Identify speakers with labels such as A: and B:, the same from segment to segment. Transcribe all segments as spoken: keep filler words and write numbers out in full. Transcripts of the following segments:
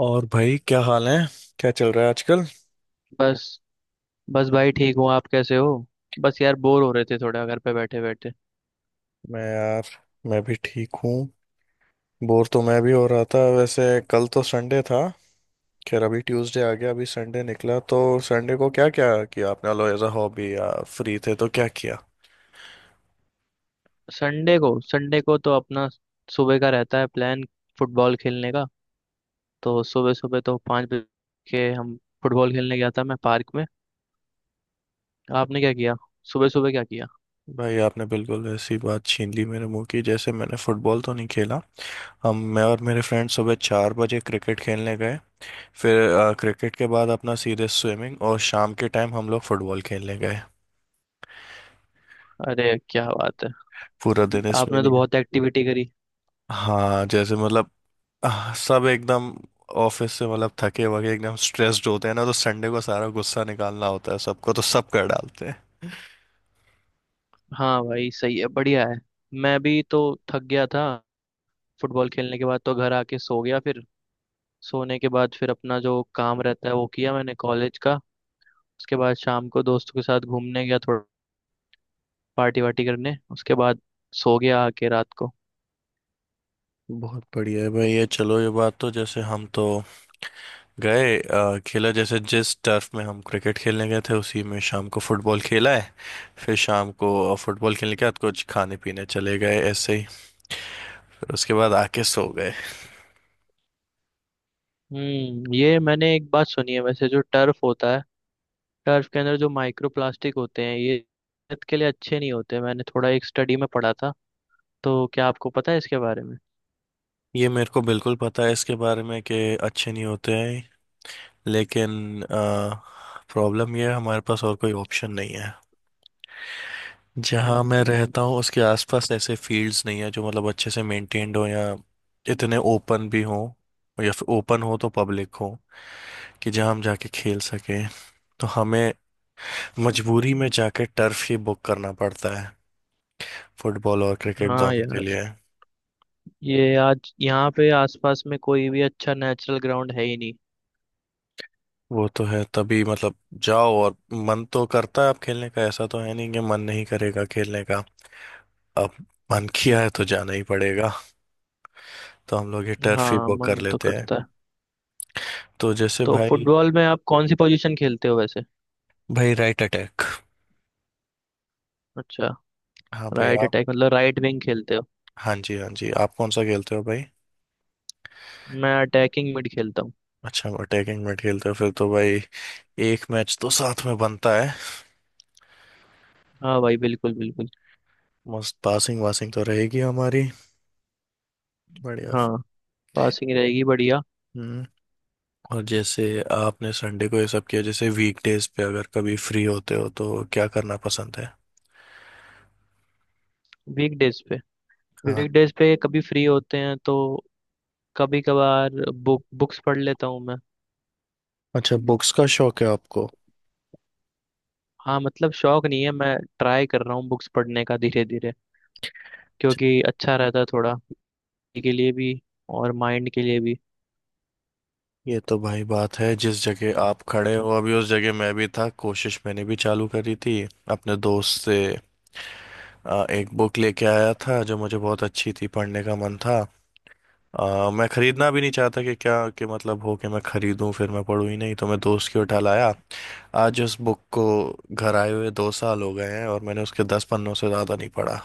A: और भाई, क्या हाल है। क्या चल रहा है आजकल।
B: बस। बस भाई ठीक हूँ, आप कैसे हो? बस यार, बोर हो रहे थे थोड़ा घर पे बैठे बैठे।
A: मैं यार, मैं भी ठीक हूँ। बोर तो मैं भी हो रहा था वैसे। कल तो संडे था। खैर, अभी ट्यूसडे आ गया, अभी संडे निकला तो संडे को क्या क्या किया आपने? लो एज अ हॉबी, या फ्री थे तो क्या किया?
B: संडे को संडे को तो अपना सुबह का रहता है प्लान फुटबॉल खेलने का। तो सुबह सुबह तो पाँच बजे के हम फुटबॉल खेलने गया था मैं पार्क में। आपने क्या किया? सुबह सुबह क्या किया?
A: भाई, आपने बिल्कुल ऐसी बात छीन ली मेरे मुंह की। जैसे मैंने फुटबॉल तो नहीं खेला। हम, मैं और मेरे फ्रेंड सुबह चार बजे क्रिकेट खेलने गए। फिर अ, क्रिकेट के बाद अपना सीधे स्विमिंग, और शाम के टाइम हम लोग फुटबॉल खेलने गए।
B: अरे क्या बात है!
A: पूरा दिन इसमें ही
B: आपने तो
A: निकल।
B: बहुत एक्टिविटी करी।
A: हाँ, जैसे मतलब आह, सब एकदम। ऑफिस से मतलब थके वके एकदम स्ट्रेस्ड होते हैं ना, तो संडे को सारा गुस्सा निकालना होता है सबको, तो सब कर डालते हैं।
B: हाँ भाई सही है, बढ़िया है। मैं भी तो थक गया था। फुटबॉल खेलने के बाद तो घर आके सो गया। फिर सोने के बाद फिर अपना जो काम रहता है वो किया मैंने कॉलेज का। उसके बाद शाम को दोस्तों के साथ घूमने गया थोड़ा, पार्टी वार्टी करने। उसके बाद सो गया आके रात को।
A: बहुत बढ़िया है भाई ये। चलो, ये बात तो, जैसे हम तो गए अ, खेला। जैसे जिस टर्फ में हम क्रिकेट खेलने गए थे उसी में शाम को फुटबॉल खेला है। फिर शाम को अ, फुटबॉल खेलने के बाद कुछ खाने पीने चले गए ऐसे ही। फिर उसके बाद आके सो गए।
B: हम्म। ये मैंने एक बात सुनी है वैसे, जो टर्फ होता है, टर्फ के अंदर जो माइक्रो प्लास्टिक होते हैं ये सेहत के लिए अच्छे नहीं होते। मैंने थोड़ा एक स्टडी में पढ़ा था। तो क्या आपको पता है इसके बारे में?
A: ये मेरे को बिल्कुल पता है इसके बारे में, कि अच्छे नहीं होते हैं। लेकिन प्रॉब्लम ये है, हमारे पास और कोई ऑप्शन नहीं है। जहाँ मैं
B: हम्म।
A: रहता हूँ उसके आसपास ऐसे फील्ड्स नहीं है जो मतलब अच्छे से मेंटेन्ड हो, या इतने ओपन भी हो, या फिर ओपन हो तो पब्लिक हो, कि जहाँ हम जाके खेल सकें। तो हमें मजबूरी में जाके टर्फ ही बुक करना पड़ता है, फुटबॉल और क्रिकेट
B: हाँ
A: दोनों के
B: यार,
A: लिए।
B: ये आज यहाँ पे आसपास में कोई भी अच्छा नेचुरल ग्राउंड है ही नहीं।
A: वो तो है तभी मतलब, जाओ, और मन तो करता है आप खेलने का, ऐसा तो है नहीं कि मन नहीं करेगा खेलने का। अब मन किया है तो जाना ही पड़ेगा, तो हम लोग ये टर्फ ही
B: हाँ
A: बुक कर
B: मन तो
A: लेते हैं।
B: करता है।
A: तो जैसे
B: तो
A: भाई,
B: फुटबॉल में आप कौन सी पोजीशन खेलते हो वैसे?
A: भाई राइट अटैक।
B: अच्छा।
A: हाँ भाई,
B: राइट
A: आप?
B: अटैक मतलब राइट विंग खेलते हो?
A: हाँ जी, हाँ जी। आप कौन सा खेलते हो भाई?
B: मैं अटैकिंग मिड खेलता हूँ।
A: अच्छा, अटैकिंग में खेलते हो फिर तो भाई, एक मैच तो साथ में बनता है।
B: हाँ भाई बिल्कुल बिल्कुल।
A: मस्त पासिंग वासिंग तो रहेगी हमारी। बढ़िया।
B: हाँ, पासिंग रहेगी बढ़िया।
A: हम्म और जैसे आपने संडे को ये सब किया, जैसे वीकडेज पे अगर कभी फ्री होते हो तो क्या करना पसंद है?
B: वीकडेज पे
A: हाँ।
B: वीकडेज पे कभी फ्री होते हैं तो कभी कभार बुक बुक्स पढ़ लेता हूँ मैं।
A: अच्छा, बुक्स का शौक है आपको?
B: हाँ मतलब शौक नहीं है, मैं ट्राई कर रहा हूँ बुक्स पढ़ने का धीरे धीरे, क्योंकि अच्छा रहता है थोड़ा body के लिए भी और माइंड के लिए भी।
A: ये तो भाई बात है। जिस जगह आप खड़े हो अभी उस जगह मैं भी था, कोशिश मैंने भी चालू करी थी अपने दोस्त से। आ, एक बुक लेके आया था जो मुझे बहुत अच्छी थी, पढ़ने का मन था। आ, मैं खरीदना भी नहीं चाहता कि क्या कि मतलब हो कि मैं खरीदूं फिर मैं पढूं ही नहीं, तो मैं दोस्त की उठा लाया आज उस बुक को। घर आए हुए दो साल हो गए हैं और मैंने उसके दस पन्नों से ज्यादा नहीं पढ़ा।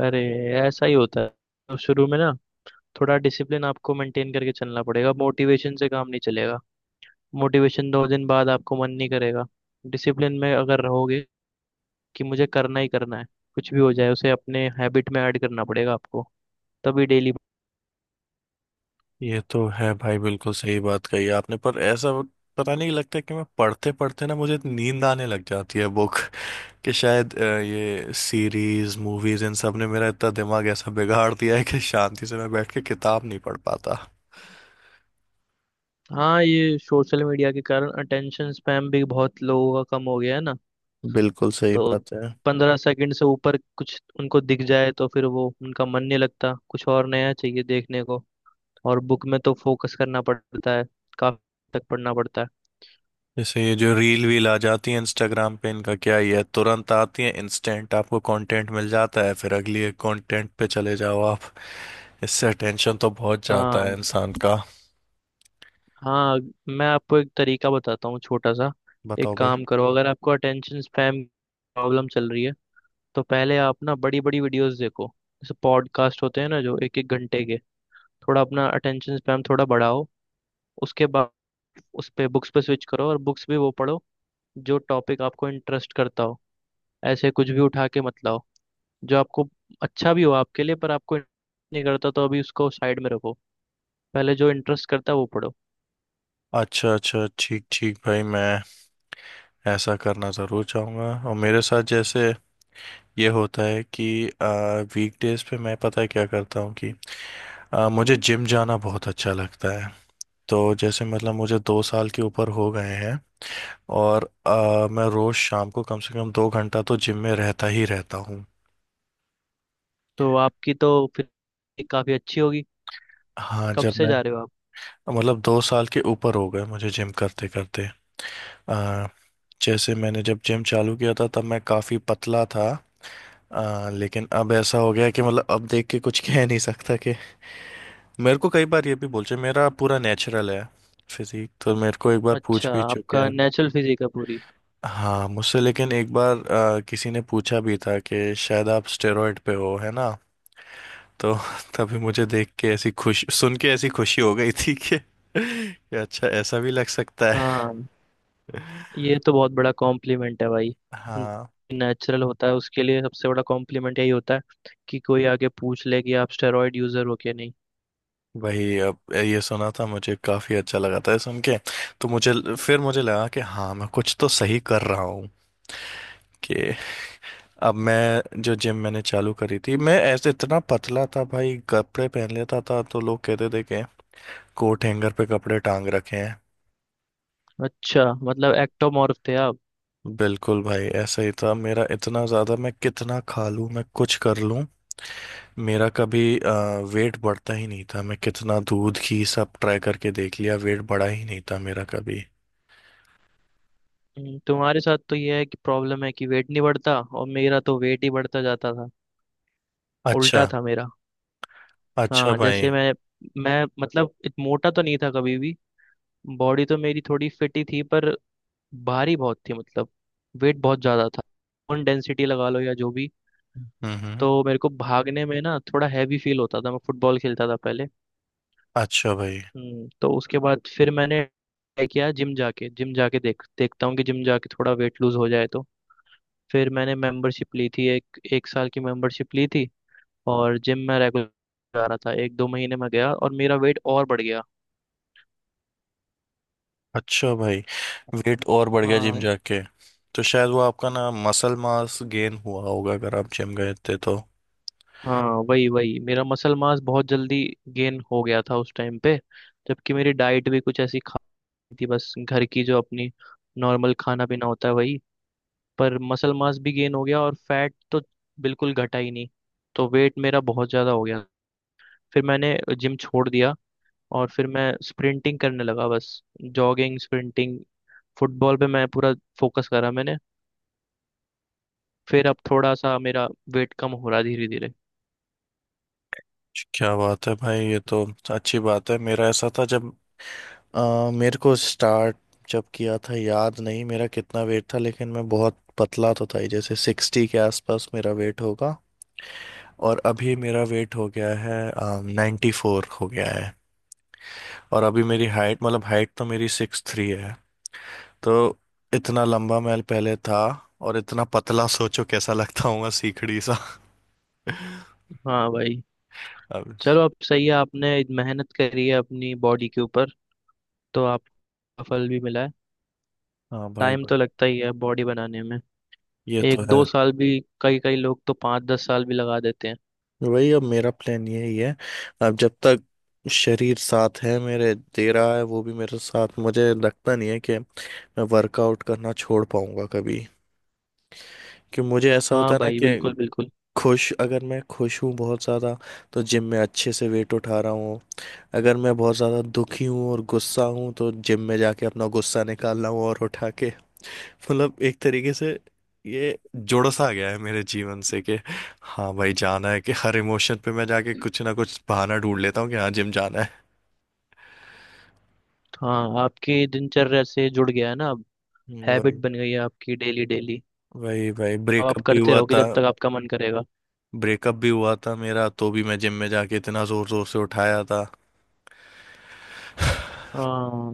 B: अरे ऐसा ही होता है। तो शुरू में ना थोड़ा डिसिप्लिन आपको मेंटेन करके चलना पड़ेगा, मोटिवेशन से काम नहीं चलेगा। मोटिवेशन दो दिन बाद आपको मन नहीं करेगा। डिसिप्लिन में अगर रहोगे कि मुझे करना ही करना है, कुछ भी हो जाए, उसे अपने हैबिट में ऐड करना पड़ेगा आपको, तभी डेली।
A: ये तो है भाई, बिल्कुल सही बात कही आपने। पर ऐसा, पता नहीं, लगता है कि मैं पढ़ते पढ़ते ना, मुझे नींद आने लग जाती है बुक, कि शायद अ, ये सीरीज मूवीज इन सब ने मेरा इतना दिमाग ऐसा बिगाड़ दिया है कि शांति से मैं बैठ के किताब नहीं पढ़ पाता।
B: हाँ ये सोशल मीडिया के कारण अटेंशन स्पैम भी बहुत लोगों का कम हो गया है ना।
A: बिल्कुल सही
B: तो
A: बात है।
B: पंद्रह सेकंड से ऊपर कुछ उनको दिख जाए तो फिर वो उनका मन नहीं लगता, कुछ और नया चाहिए देखने को। और बुक में तो फोकस करना पड़ता है काफी तक पढ़ना पड़ता है।
A: जैसे ये जो रील वील आ जाती है इंस्टाग्राम पे, इनका क्या ही है, तुरंत आती है, इंस्टेंट आपको कंटेंट मिल जाता है, फिर अगली कंटेंट पे चले जाओ आप। इससे अटेंशन तो बहुत जाता है
B: हाँ।
A: इंसान का।
B: हाँ, मैं आपको एक तरीका बताता हूँ छोटा सा। एक
A: बताओ भाई।
B: काम करो, अगर आपको अटेंशन स्पैम प्रॉब्लम चल रही है तो पहले आप ना बड़ी बड़ी वीडियोस देखो, जैसे पॉडकास्ट होते हैं ना जो एक एक घंटे के, थोड़ा अपना अटेंशन स्पैम थोड़ा बढ़ाओ। उसके बाद उस पे बुक्स पे स्विच करो, और बुक्स भी वो पढ़ो जो टॉपिक आपको इंटरेस्ट करता हो। ऐसे कुछ भी उठा के मत लाओ जो आपको अच्छा भी हो आपके लिए पर आपको नहीं करता, तो अभी उसको साइड में रखो। पहले जो इंटरेस्ट करता है वो पढ़ो।
A: अच्छा अच्छा, ठीक ठीक भाई, मैं ऐसा करना ज़रूर चाहूँगा। और मेरे साथ जैसे ये होता है कि वीकडेज पे मैं, पता है क्या करता हूँ कि आ, मुझे जिम जाना बहुत अच्छा लगता है। तो जैसे मतलब मुझे दो साल के ऊपर हो गए हैं, और अ, मैं रोज शाम को कम से कम दो घंटा तो जिम में रहता ही रहता हूँ।
B: तो आपकी तो फिर काफ़ी अच्छी होगी।
A: हाँ,
B: कब
A: जब
B: से
A: मैं,
B: जा रहे हो आप?
A: मतलब दो साल के ऊपर हो गए मुझे जिम करते करते। अ, जैसे मैंने जब जिम चालू किया था तब मैं काफ़ी पतला था। अ, लेकिन अब ऐसा हो गया कि मतलब अब देख के कुछ कह नहीं सकता कि मेरे को कई बार ये भी बोलते हैं, मेरा पूरा नेचुरल है फिजिक तो। मेरे को एक बार पूछ
B: अच्छा,
A: भी चुके
B: आपका
A: हैं।
B: नेचुरल फिजिक है पूरी?
A: हाँ, मुझसे लेकिन एक बार अ, किसी ने पूछा भी था कि शायद आप स्टेरॉइड पे हो, है ना? तो तभी मुझे देख के ऐसी खुशी, सुन के ऐसी खुशी हो गई थी कि कि अच्छा ऐसा भी लग सकता है।
B: हाँ ये तो बहुत बड़ा कॉम्प्लीमेंट है भाई।
A: हाँ,
B: नेचुरल होता है उसके लिए सबसे बड़ा कॉम्प्लीमेंट यही होता है कि कोई आके पूछ ले कि आप स्टेरॉइड यूजर हो क्या नहीं।
A: वही। अब ये सुना था, मुझे काफी अच्छा लगा था ये सुन के। तो मुझे, फिर मुझे लगा कि हाँ मैं कुछ तो सही कर रहा हूँ, कि अब मैं जो जिम मैंने चालू करी थी, मैं ऐसे इतना पतला था भाई, कपड़े पहन लेता था तो लोग कहते थे कि कोट हैंगर पे कपड़े टांग रखे हैं।
B: अच्छा मतलब एक्टोमॉर्फ थे आप?
A: बिल्कुल भाई, ऐसा ही था मेरा, इतना ज्यादा। मैं कितना खा लूं, मैं कुछ कर लूं, मेरा कभी अ, वेट बढ़ता ही नहीं था। मैं कितना दूध घी सब ट्राई करके देख लिया, वेट बढ़ा ही नहीं था मेरा कभी।
B: हम्म, तुम्हारे साथ तो ये है कि प्रॉब्लम है कि वेट नहीं बढ़ता, और मेरा तो वेट ही बढ़ता जाता था।
A: अच्छा।
B: उल्टा था मेरा।
A: अच्छा
B: हाँ
A: भाई।
B: जैसे मैं मैं मतलब इत मोटा तो नहीं था कभी भी। बॉडी तो मेरी थोड़ी फिट ही थी, पर भारी बहुत थी मतलब, वेट बहुत ज्यादा था। बोन डेंसिटी लगा लो या जो भी।
A: हम्म, हम्म।
B: तो मेरे को भागने में ना थोड़ा हैवी फील होता था। मैं फुटबॉल खेलता था पहले।
A: अच्छा भाई।
B: हम्म तो उसके बाद फिर मैंने ट्राई किया जिम जाके जिम जाके देख देखता हूँ कि जिम जाके थोड़ा वेट लूज हो जाए तो। फिर मैंने मेंबरशिप ली थी, एक एक साल की मेंबरशिप ली थी, और जिम में रेगुलर जा रहा था। एक दो महीने में गया और मेरा वेट और बढ़ गया।
A: अच्छा भाई, वेट और बढ़ गया जिम
B: हाँ।
A: जाके? तो शायद वो आपका ना मसल मास गेन हुआ होगा, अगर आप जिम गए थे तो।
B: हाँ वही वही, मेरा मसल मास बहुत जल्दी गेन हो गया था उस टाइम पे, जबकि मेरी डाइट भी कुछ ऐसी खाती थी, बस घर की जो अपनी नॉर्मल खाना पीना होता है वही। पर मसल मास भी गेन हो गया और फैट तो बिल्कुल घटा ही नहीं, तो वेट मेरा बहुत ज़्यादा हो गया। फिर मैंने जिम छोड़ दिया, और फिर मैं स्प्रिंटिंग करने लगा बस। जॉगिंग, स्प्रिंटिंग, फुटबॉल पे मैं पूरा फोकस करा मैंने। फिर अब थोड़ा सा मेरा वेट कम हो रहा धीरे धीरे।
A: क्या बात है भाई, ये तो अच्छी बात है। मेरा ऐसा था जब अ, मेरे को स्टार्ट जब किया था, याद नहीं मेरा कितना वेट था, लेकिन मैं बहुत पतला तो था ही, जैसे सिक्सटी के आसपास मेरा वेट होगा। और अभी मेरा वेट हो गया है, नाइन्टी फोर हो गया है। और अभी मेरी हाइट, मतलब हाइट तो मेरी सिक्स थ्री है। तो इतना लंबा मैं पहले था, और इतना पतला, सोचो कैसा लगता हूँ सीखड़ी सा।
B: हाँ भाई
A: अब
B: चलो, अब सही है। आपने मेहनत करी है अपनी बॉडी के ऊपर तो आपका फल भी मिला है।
A: हाँ भाई।
B: टाइम
A: भाई,
B: तो लगता ही है बॉडी बनाने में।
A: ये तो
B: एक
A: है।
B: दो साल भी, कई कई लोग तो पाँच दस साल भी लगा देते हैं।
A: वही, अब मेरा प्लान यही है। अब जब तक शरीर साथ है मेरे, दे रहा है वो भी मेरे साथ, मुझे लगता नहीं है कि मैं वर्कआउट करना छोड़ पाऊंगा कभी। कि मुझे ऐसा होता
B: हाँ
A: है ना
B: भाई बिल्कुल
A: कि
B: बिल्कुल।
A: खुश अगर मैं खुश हूँ बहुत ज़्यादा, तो जिम में अच्छे से वेट उठा रहा हूँ। अगर मैं बहुत ज़्यादा दुखी हूँ और गुस्सा हूँ तो जिम में जाके अपना गुस्सा निकाल रहा हूँ और उठा के। मतलब एक तरीके से ये जुड़ सा गया है मेरे जीवन से, कि हाँ भाई, जाना है, कि हर इमोशन पे मैं जाके कुछ ना कुछ बहाना ढूंढ लेता हूँ कि हाँ जिम जाना है।
B: हाँ आपकी दिनचर्या से जुड़ गया है ना अब।
A: हम्म,
B: हैबिट
A: वही,
B: बन गई है आपकी डेली डेली।
A: वही भाई,
B: अब आप
A: ब्रेकअप भी
B: करते
A: हुआ
B: रहोगे
A: था।
B: जब तक आपका मन करेगा।
A: ब्रेकअप भी हुआ था मेरा, तो भी मैं जिम में जाके इतना जोर जोर से उठाया था।
B: हाँ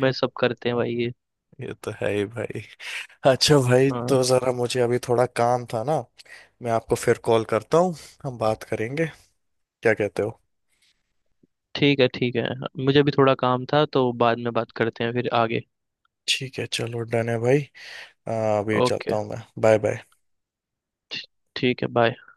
B: मैं, सब करते हैं भाई ये।
A: ये तो है ही भाई। अच्छा भाई,
B: हाँ
A: तो जरा मुझे अभी थोड़ा काम था ना। मैं आपको फिर कॉल करता हूँ। हम बात करेंगे। क्या कहते हो?
B: ठीक है ठीक है। मुझे भी थोड़ा काम था तो बाद में बात करते हैं फिर आगे।
A: ठीक है, चलो, डन है भाई। आ, अभी चलता
B: ओके,
A: हूँ मैं। Bye bye.
B: ठीक है, बाय।